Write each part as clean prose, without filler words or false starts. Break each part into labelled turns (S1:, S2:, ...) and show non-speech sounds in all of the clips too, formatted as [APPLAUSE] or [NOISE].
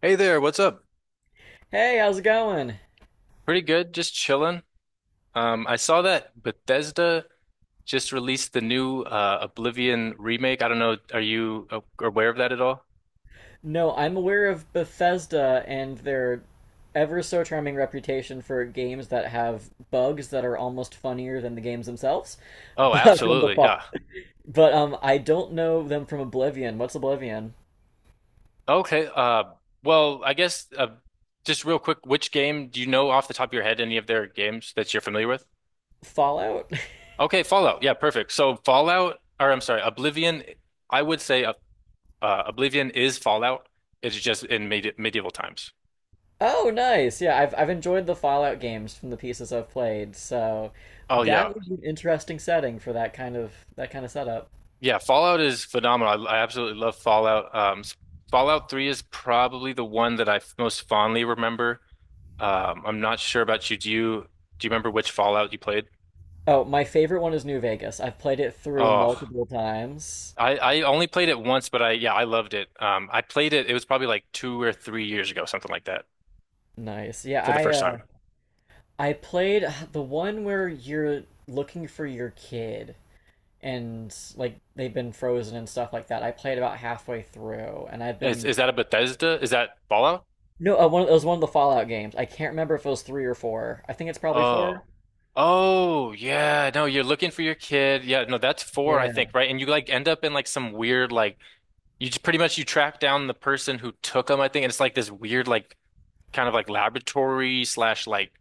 S1: Hey there, what's up?
S2: Hey, how's it going?
S1: Pretty good, just chilling. I saw that Bethesda just released the new Oblivion remake. I don't know, are you aware of that at all?
S2: No, I'm aware of Bethesda and their ever so charming reputation for games that have bugs that are almost funnier than the games themselves. [LAUGHS]
S1: Oh,
S2: But from the
S1: absolutely,
S2: fall,
S1: yeah.
S2: but I don't know them from Oblivion. What's Oblivion?
S1: Okay, well, I guess just real quick, which game do you know off the top of your head any of their games that you're familiar with?
S2: Fallout? [LAUGHS]
S1: Okay, Fallout, yeah, perfect. So Fallout, or I'm sorry, Oblivion, I would say Oblivion is Fallout. It's just in medieval times.
S2: Oh, nice. Yeah, I've enjoyed the Fallout games from the pieces I've played, so
S1: Oh
S2: that
S1: yeah.
S2: would be an interesting setting for that kind of setup.
S1: Yeah, Fallout is phenomenal. I absolutely love Fallout. Fallout 3 is probably the one that I most fondly remember. I'm not sure about you. Do you remember which Fallout you played?
S2: Oh, my favorite one is New Vegas. I've played it through
S1: Oh,
S2: multiple times.
S1: I only played it once, but I yeah, I loved it. I played it. It was probably like 2 or 3 years ago, something like that,
S2: Nice. Yeah,
S1: for the first time.
S2: I played the one where you're looking for your kid and like they've been frozen and stuff like that. I played about halfway through, and I've
S1: Is
S2: been
S1: is that a Bethesda? Is that Fallout?
S2: no, it was one of the Fallout games. I can't remember if it was three or four. I think it's probably four.
S1: Oh. Oh, yeah. No, you're looking for your kid. Yeah, no, that's four, I think,
S2: Yeah,
S1: right? And you like end up in like some weird like you just pretty much you track down the person who took them, I think, and it's like this weird like kind of like laboratory slash like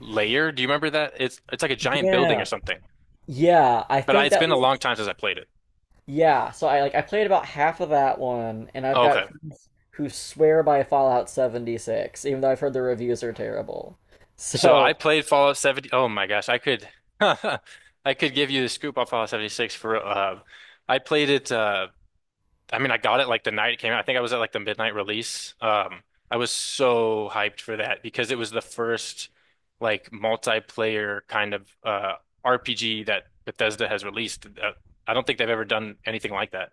S1: layer. Do you remember that? It's like a giant building or
S2: yeah,
S1: something.
S2: yeah. I
S1: But I,
S2: think
S1: it's
S2: that
S1: been a
S2: was,
S1: long time since I played it.
S2: yeah. So I like I played about half of that one, and I've got
S1: Okay.
S2: friends who swear by Fallout 76, even though I've heard the reviews are terrible. [LAUGHS]
S1: So I
S2: So
S1: played Fallout 70. Oh my gosh, I could [LAUGHS] I could give you the scoop on Fallout 76 for I played it I mean, I got it like the night it came out. I think I was at like the midnight release. I was so hyped for that because it was the first like multiplayer kind of RPG that Bethesda has released. I don't think they've ever done anything like that.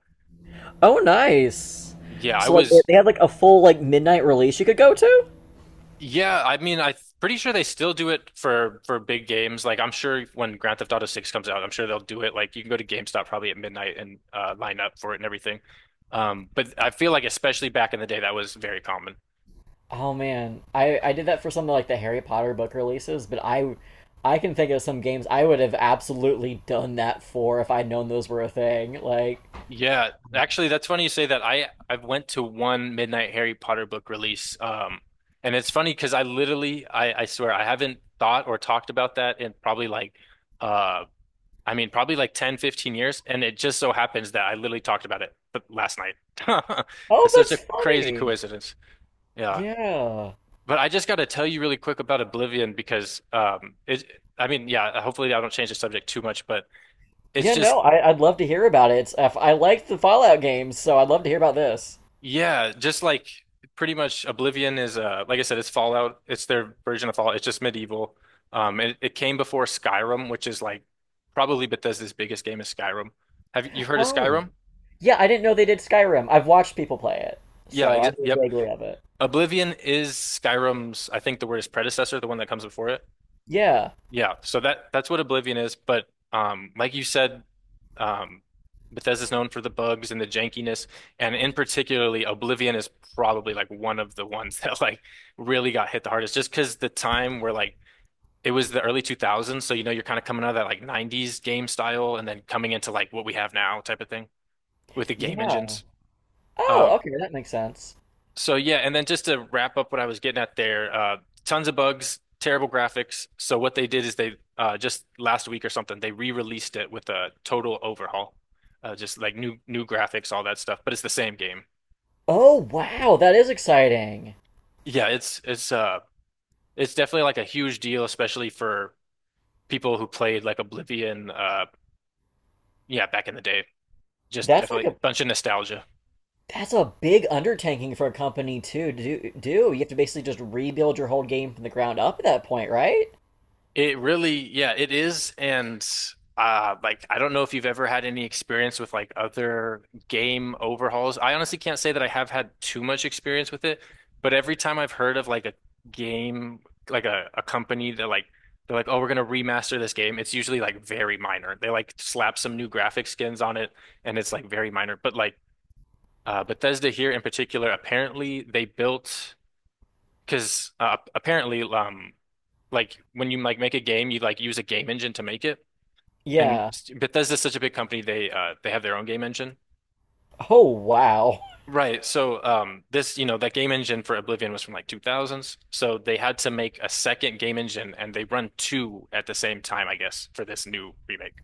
S2: oh, nice.
S1: Yeah, I
S2: So like
S1: was.
S2: they had like a full like midnight release you could go to.
S1: Yeah, I mean, I'm pretty sure they still do it for big games. Like, I'm sure when Grand Theft Auto 6 comes out, I'm sure they'll do it. Like, you can go to GameStop probably at midnight and line up for it and everything. But I feel like especially back in the day, that was very common.
S2: Oh man, I did that for some of like the Harry Potter book releases, but I can think of some games I would have absolutely done that for if I'd known those were a thing. Like,
S1: Yeah, actually, that's funny you say that. I went to one Midnight Harry Potter book release, and it's funny because I literally, I swear, I haven't thought or talked about that in probably like, uh, I mean, probably like 10, 15 years, and it just so happens that I literally talked about it last night. [LAUGHS]
S2: oh,
S1: It's such a
S2: that's
S1: crazy
S2: funny.
S1: coincidence. Yeah,
S2: Yeah,
S1: but I just got to tell you really quick about Oblivion because, it, I mean, yeah, hopefully I don't change the subject too much, but it's
S2: yeah.
S1: just.
S2: No, I'd love to hear about it. If I like the Fallout games, so I'd love to hear about this.
S1: Yeah, just like pretty much Oblivion is like I said, it's Fallout. It's their version of Fallout. It's just medieval. It, it came before Skyrim, which is like probably Bethesda's biggest game is Skyrim. Have you heard of
S2: Oh,
S1: Skyrim?
S2: yeah. I didn't know they did Skyrim. I've watched people play it,
S1: Yeah,
S2: so
S1: ex
S2: I know
S1: yep.
S2: vaguely of it.
S1: Oblivion is Skyrim's, I think the word is predecessor, the one that comes before it.
S2: Yeah,
S1: Yeah, so that's what Oblivion is, but like you said, um, Bethesda's known for the bugs and the jankiness, and in particularly, Oblivion is probably like one of the ones [LAUGHS] that like really got hit the hardest, just because the time where like it was the early 2000s, so you know you're kind of coming out of that like 90s game style, and then coming into like what we have now type of thing with the game
S2: yeah.
S1: engines.
S2: Oh,
S1: Um,
S2: okay, that makes sense.
S1: so yeah, and then just to wrap up what I was getting at there, tons of bugs, terrible graphics. So what they did is they just last week or something they re-released it with a total overhaul, just like new graphics, all that stuff. But it's the same game.
S2: Oh, wow, that is exciting.
S1: Yeah, it's it's definitely like a huge deal, especially for people who played like Oblivion. Yeah, back in the day, just
S2: That's like
S1: definitely
S2: a
S1: a bunch of nostalgia.
S2: that's a big undertaking for a company to do. You have to basically just rebuild your whole game from the ground up at that point, right?
S1: It really, yeah, it is. And like I don't know if you've ever had any experience with like other game overhauls. I honestly can't say that I have had too much experience with it, but every time I've heard of like a game, like a company that like they're like, oh, we're gonna remaster this game, it's usually like very minor. They like slap some new graphic skins on it and it's like very minor. But like Bethesda here in particular, apparently they built because apparently like when you like make a game, you like use a game engine to make it. And
S2: Yeah.
S1: Bethesda's such a big company, they have their own game engine.
S2: Oh, wow.
S1: Right. So this, you know, that game engine for Oblivion was from like 2000s. So they had to make a second game engine and they run two at the same time, I guess, for this new remake.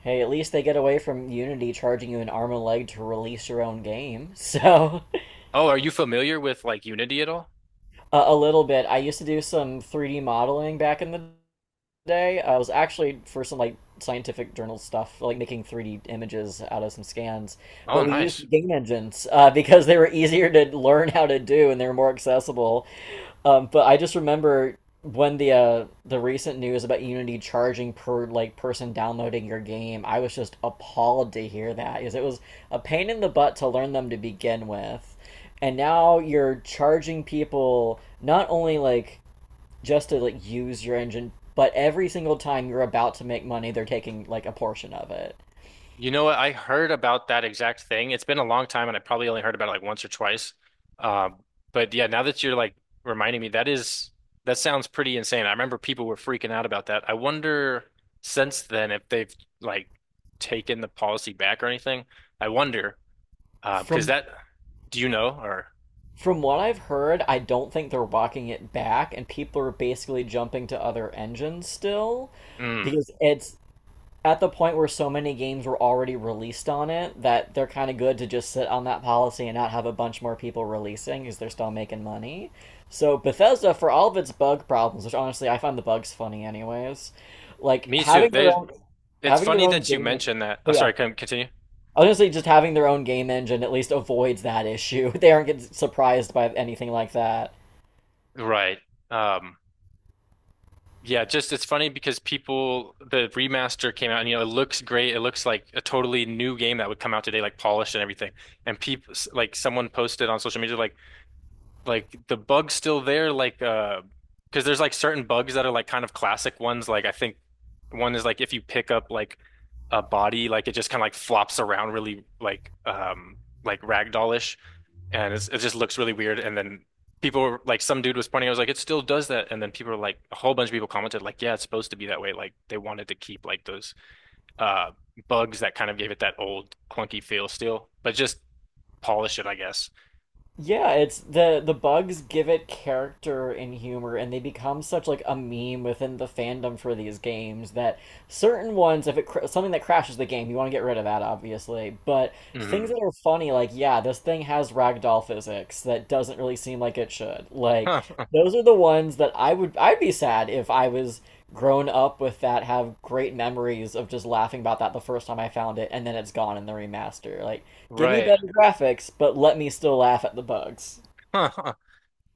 S2: Hey, at least they get away from Unity charging you an arm and a leg to release your own game. So,
S1: Oh, are you familiar with like Unity at all?
S2: [LAUGHS] a little bit. I used to do some 3D modeling back in the today. I was actually for some like scientific journal stuff, like making 3D images out of some scans.
S1: Oh,
S2: But we used
S1: nice.
S2: the game engines [LAUGHS] because they were easier to learn how to do and they were more accessible. But I just remember when the recent news about Unity charging per like person downloading your game, I was just appalled to hear that because it was a pain in the butt to learn them to begin with. And now you're charging people not only like just to like use your engine, but every single time you're about to make money, they're taking like a portion of it.
S1: You know what? I heard about that exact thing. It's been a long time, and I probably only heard about it like once or twice. Um, but yeah, now that you're like reminding me, that is that sounds pretty insane. I remember people were freaking out about that. I wonder since then if they've like taken the policy back or anything. I wonder because
S2: From
S1: that do you know or
S2: from what I've heard, I don't think they're walking it back, and people are basically jumping to other engines still
S1: mm,
S2: because it's at the point where so many games were already released on it that they're kind of good to just sit on that policy and not have a bunch more people releasing because they're still making money. So Bethesda, for all of its bug problems, which honestly I find the bugs funny anyways, like
S1: me too.
S2: having their
S1: They
S2: own
S1: it's
S2: having their
S1: funny
S2: own
S1: that you
S2: game.
S1: mentioned that. Oh,
S2: Oh yeah,
S1: sorry, can continue.
S2: I was gonna say just having their own game engine at least avoids that issue. [LAUGHS] They aren't getting surprised by anything like that.
S1: Right. Um, yeah, just it's funny because people the remaster came out and you know it looks great. It looks like a totally new game that would come out today, like polished and everything. And people like someone posted on social media like the bug's still there like because there's like certain bugs that are like kind of classic ones like I think one is like if you pick up like a body like it just kind of like flops around really like ragdollish and it's, it just looks really weird and then people were, like some dude was pointing I was like it still does that and then people were like a whole bunch of people commented like yeah it's supposed to be that way like they wanted to keep like those uh bugs that kind of gave it that old clunky feel still but just polish it I guess.
S2: Yeah, it's the bugs give it character and humor, and they become such like a meme within the fandom for these games that certain ones, if it something that crashes the game, you want to get rid of that, obviously. But things
S1: Hmm.
S2: that are funny, like yeah, this thing has ragdoll physics that doesn't really seem like it should. Like
S1: [LAUGHS]
S2: those are the ones that I'd be sad if I was grown up with that have great memories of just laughing about that the first time I found it and then it's gone in the remaster. Like give me
S1: Right.
S2: better graphics, but let me still laugh at the bugs.
S1: [LAUGHS] Huh.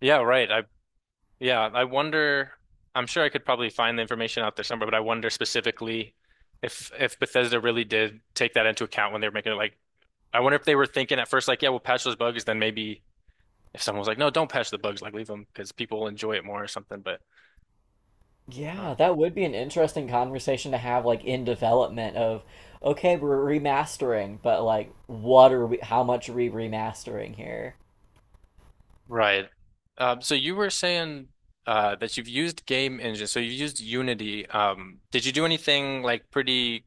S1: Yeah, right. I yeah, I wonder I'm sure I could probably find the information out there somewhere, but I wonder specifically if Bethesda really did take that into account when they were making it like I wonder if they were thinking at first like, yeah, we'll patch those bugs, then maybe if someone was like, no, don't patch the bugs, like leave them because people will enjoy it more or something, but uh,
S2: Yeah, that would be an interesting conversation to have like in development of okay, we're remastering, but like what are we how much are we remastering here?
S1: right. So you were saying that you've used game engine, so you've used Unity. Did you do anything like pretty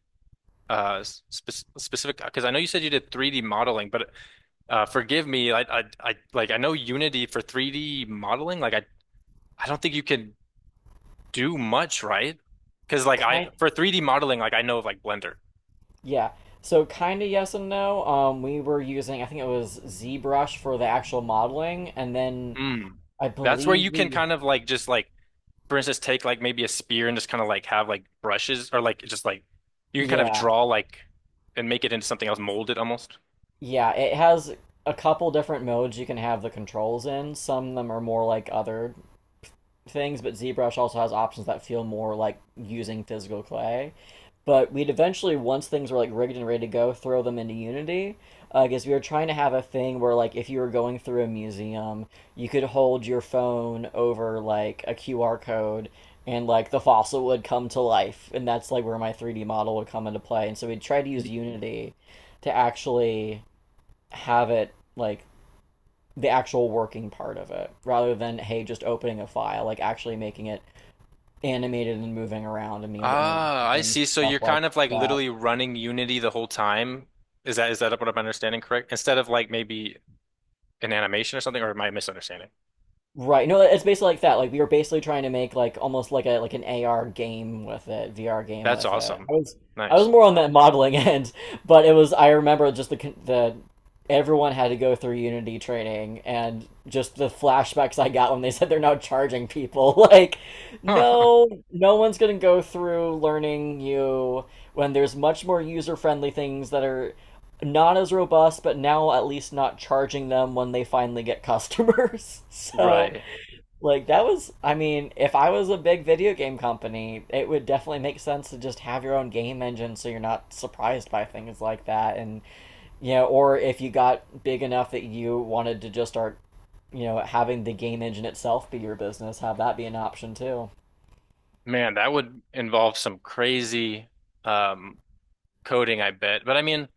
S1: uh spe specific because I know you said you did 3D modeling, but forgive me. Like I know Unity for 3D modeling. Like I don't think you can do much, right? Because like I
S2: Kind
S1: for 3D modeling, like I know of like Blender.
S2: Yeah. So kind of yes and no. We were using I think it was ZBrush for the actual modeling, and then
S1: Mm.
S2: I
S1: That's where
S2: believe
S1: you can
S2: we.
S1: kind of like just like, for instance, take like maybe a spear and just kind of like have like brushes or like just like you can kind of
S2: Yeah,
S1: draw like and make it into something else, mold it almost.
S2: yeah. It has a couple different modes you can have the controls in. Some of them are more like other things, but ZBrush also has options that feel more like using physical clay. But we'd eventually, once things were like rigged and ready to go, throw them into Unity. Because we were trying to have a thing where, like, if you were going through a museum, you could hold your phone over like a QR code, and like the fossil would come to life, and that's like where my 3D model would come into play. And so we would try to use Unity to actually have it like the actual working part of it, rather than hey, just opening a file, like actually making it animated and moving around and being able to interact
S1: Ah,
S2: with
S1: I
S2: things,
S1: see. So
S2: stuff
S1: you're
S2: like
S1: kind of like
S2: that.
S1: literally running Unity the whole time. Is that what I'm understanding correct? Instead of like maybe an animation or something, or am I misunderstanding?
S2: Right. No, it's basically like that. Like we were basically trying to make like almost like an AR game with it, VR game
S1: That's
S2: with it.
S1: awesome.
S2: I was
S1: Nice.
S2: more on that modeling [LAUGHS] end, but it was I remember just the everyone had to go through Unity training and just the flashbacks I got when they [LAUGHS] said they're now charging people. [LAUGHS] Like,
S1: Huh.
S2: no one's gonna go through learning you when there's much more user-friendly things that are not as robust, but now at least not charging them when they finally get customers. [LAUGHS] So,
S1: Right.
S2: like, that was, I mean, if I was a big video game company, it would definitely make sense to just have your own game engine so you're not surprised by things like that. And, you know, or if you got big enough that you wanted to just start, you know, having the game engine itself be your business, have that be an option too.
S1: Man, that would involve some crazy um coding, I bet. But I mean,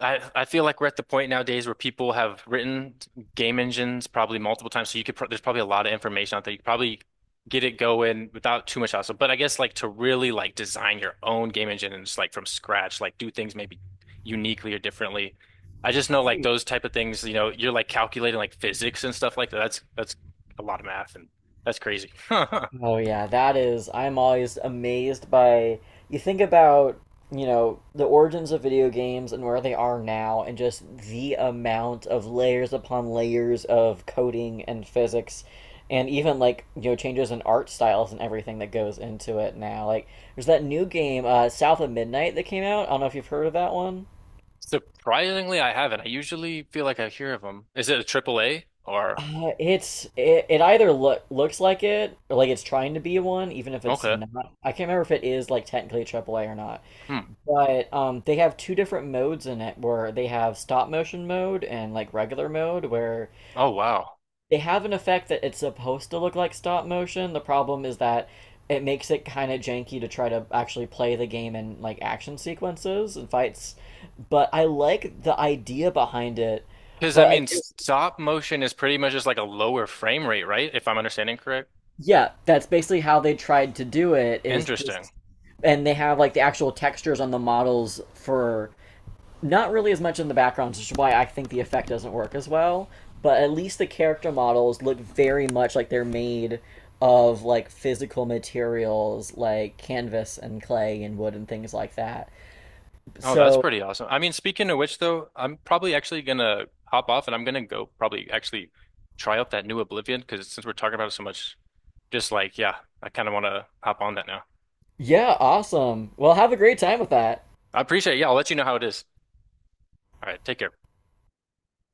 S1: I feel like we're at the point nowadays where people have written game engines probably multiple times, so you could pro there's probably a lot of information out there. You could probably get it going without too much hassle. But I guess like to really like design your own game engine and just like from scratch, like do things maybe uniquely or differently. I just know like those type of things, you know, you're like calculating like physics and stuff like that. That's a lot of math and that's crazy. [LAUGHS]
S2: Oh yeah, that is. I'm always amazed by. You think about, you know, the origins of video games and where they are now, and just the amount of layers upon layers of coding and physics, and even like you know changes in art styles and everything that goes into it now. Like there's that new game, South of Midnight, that came out. I don't know if you've heard of that one.
S1: Surprisingly, I haven't. I usually feel like I hear of them. Is it a triple A or
S2: It's it either looks like it or like it's trying to be one, even if it's
S1: okay?
S2: not. I can't remember if it is like technically a triple A or not.
S1: Hmm.
S2: But they have two different modes in it where they have stop motion mode and like regular mode where
S1: Oh wow.
S2: they have an effect that it's supposed to look like stop motion. The problem is that it makes it kind of janky to try to actually play the game in like action sequences and fights. But I like the idea behind it.
S1: Because I
S2: But I
S1: mean,
S2: guess,
S1: stop motion is pretty much just like a lower frame rate, right? If I'm understanding correct.
S2: yeah, that's basically how they tried to do it is
S1: Interesting.
S2: just and they have like the actual textures on the models for not really as much in the background, which is why I think the effect doesn't work as well. But at least the character models look very much like they're made of like physical materials like canvas and clay and wood and things like that.
S1: Oh, that's
S2: So
S1: pretty awesome. I mean, speaking of which, though, I'm probably actually gonna hop off and I'm gonna go probably actually try out that new Oblivion because since we're talking about it so much, just like, yeah, I kind of want to hop on that now.
S2: yeah, awesome. Well, have a great time with that.
S1: I appreciate it. Yeah, I'll let you know how it is. All right, take care.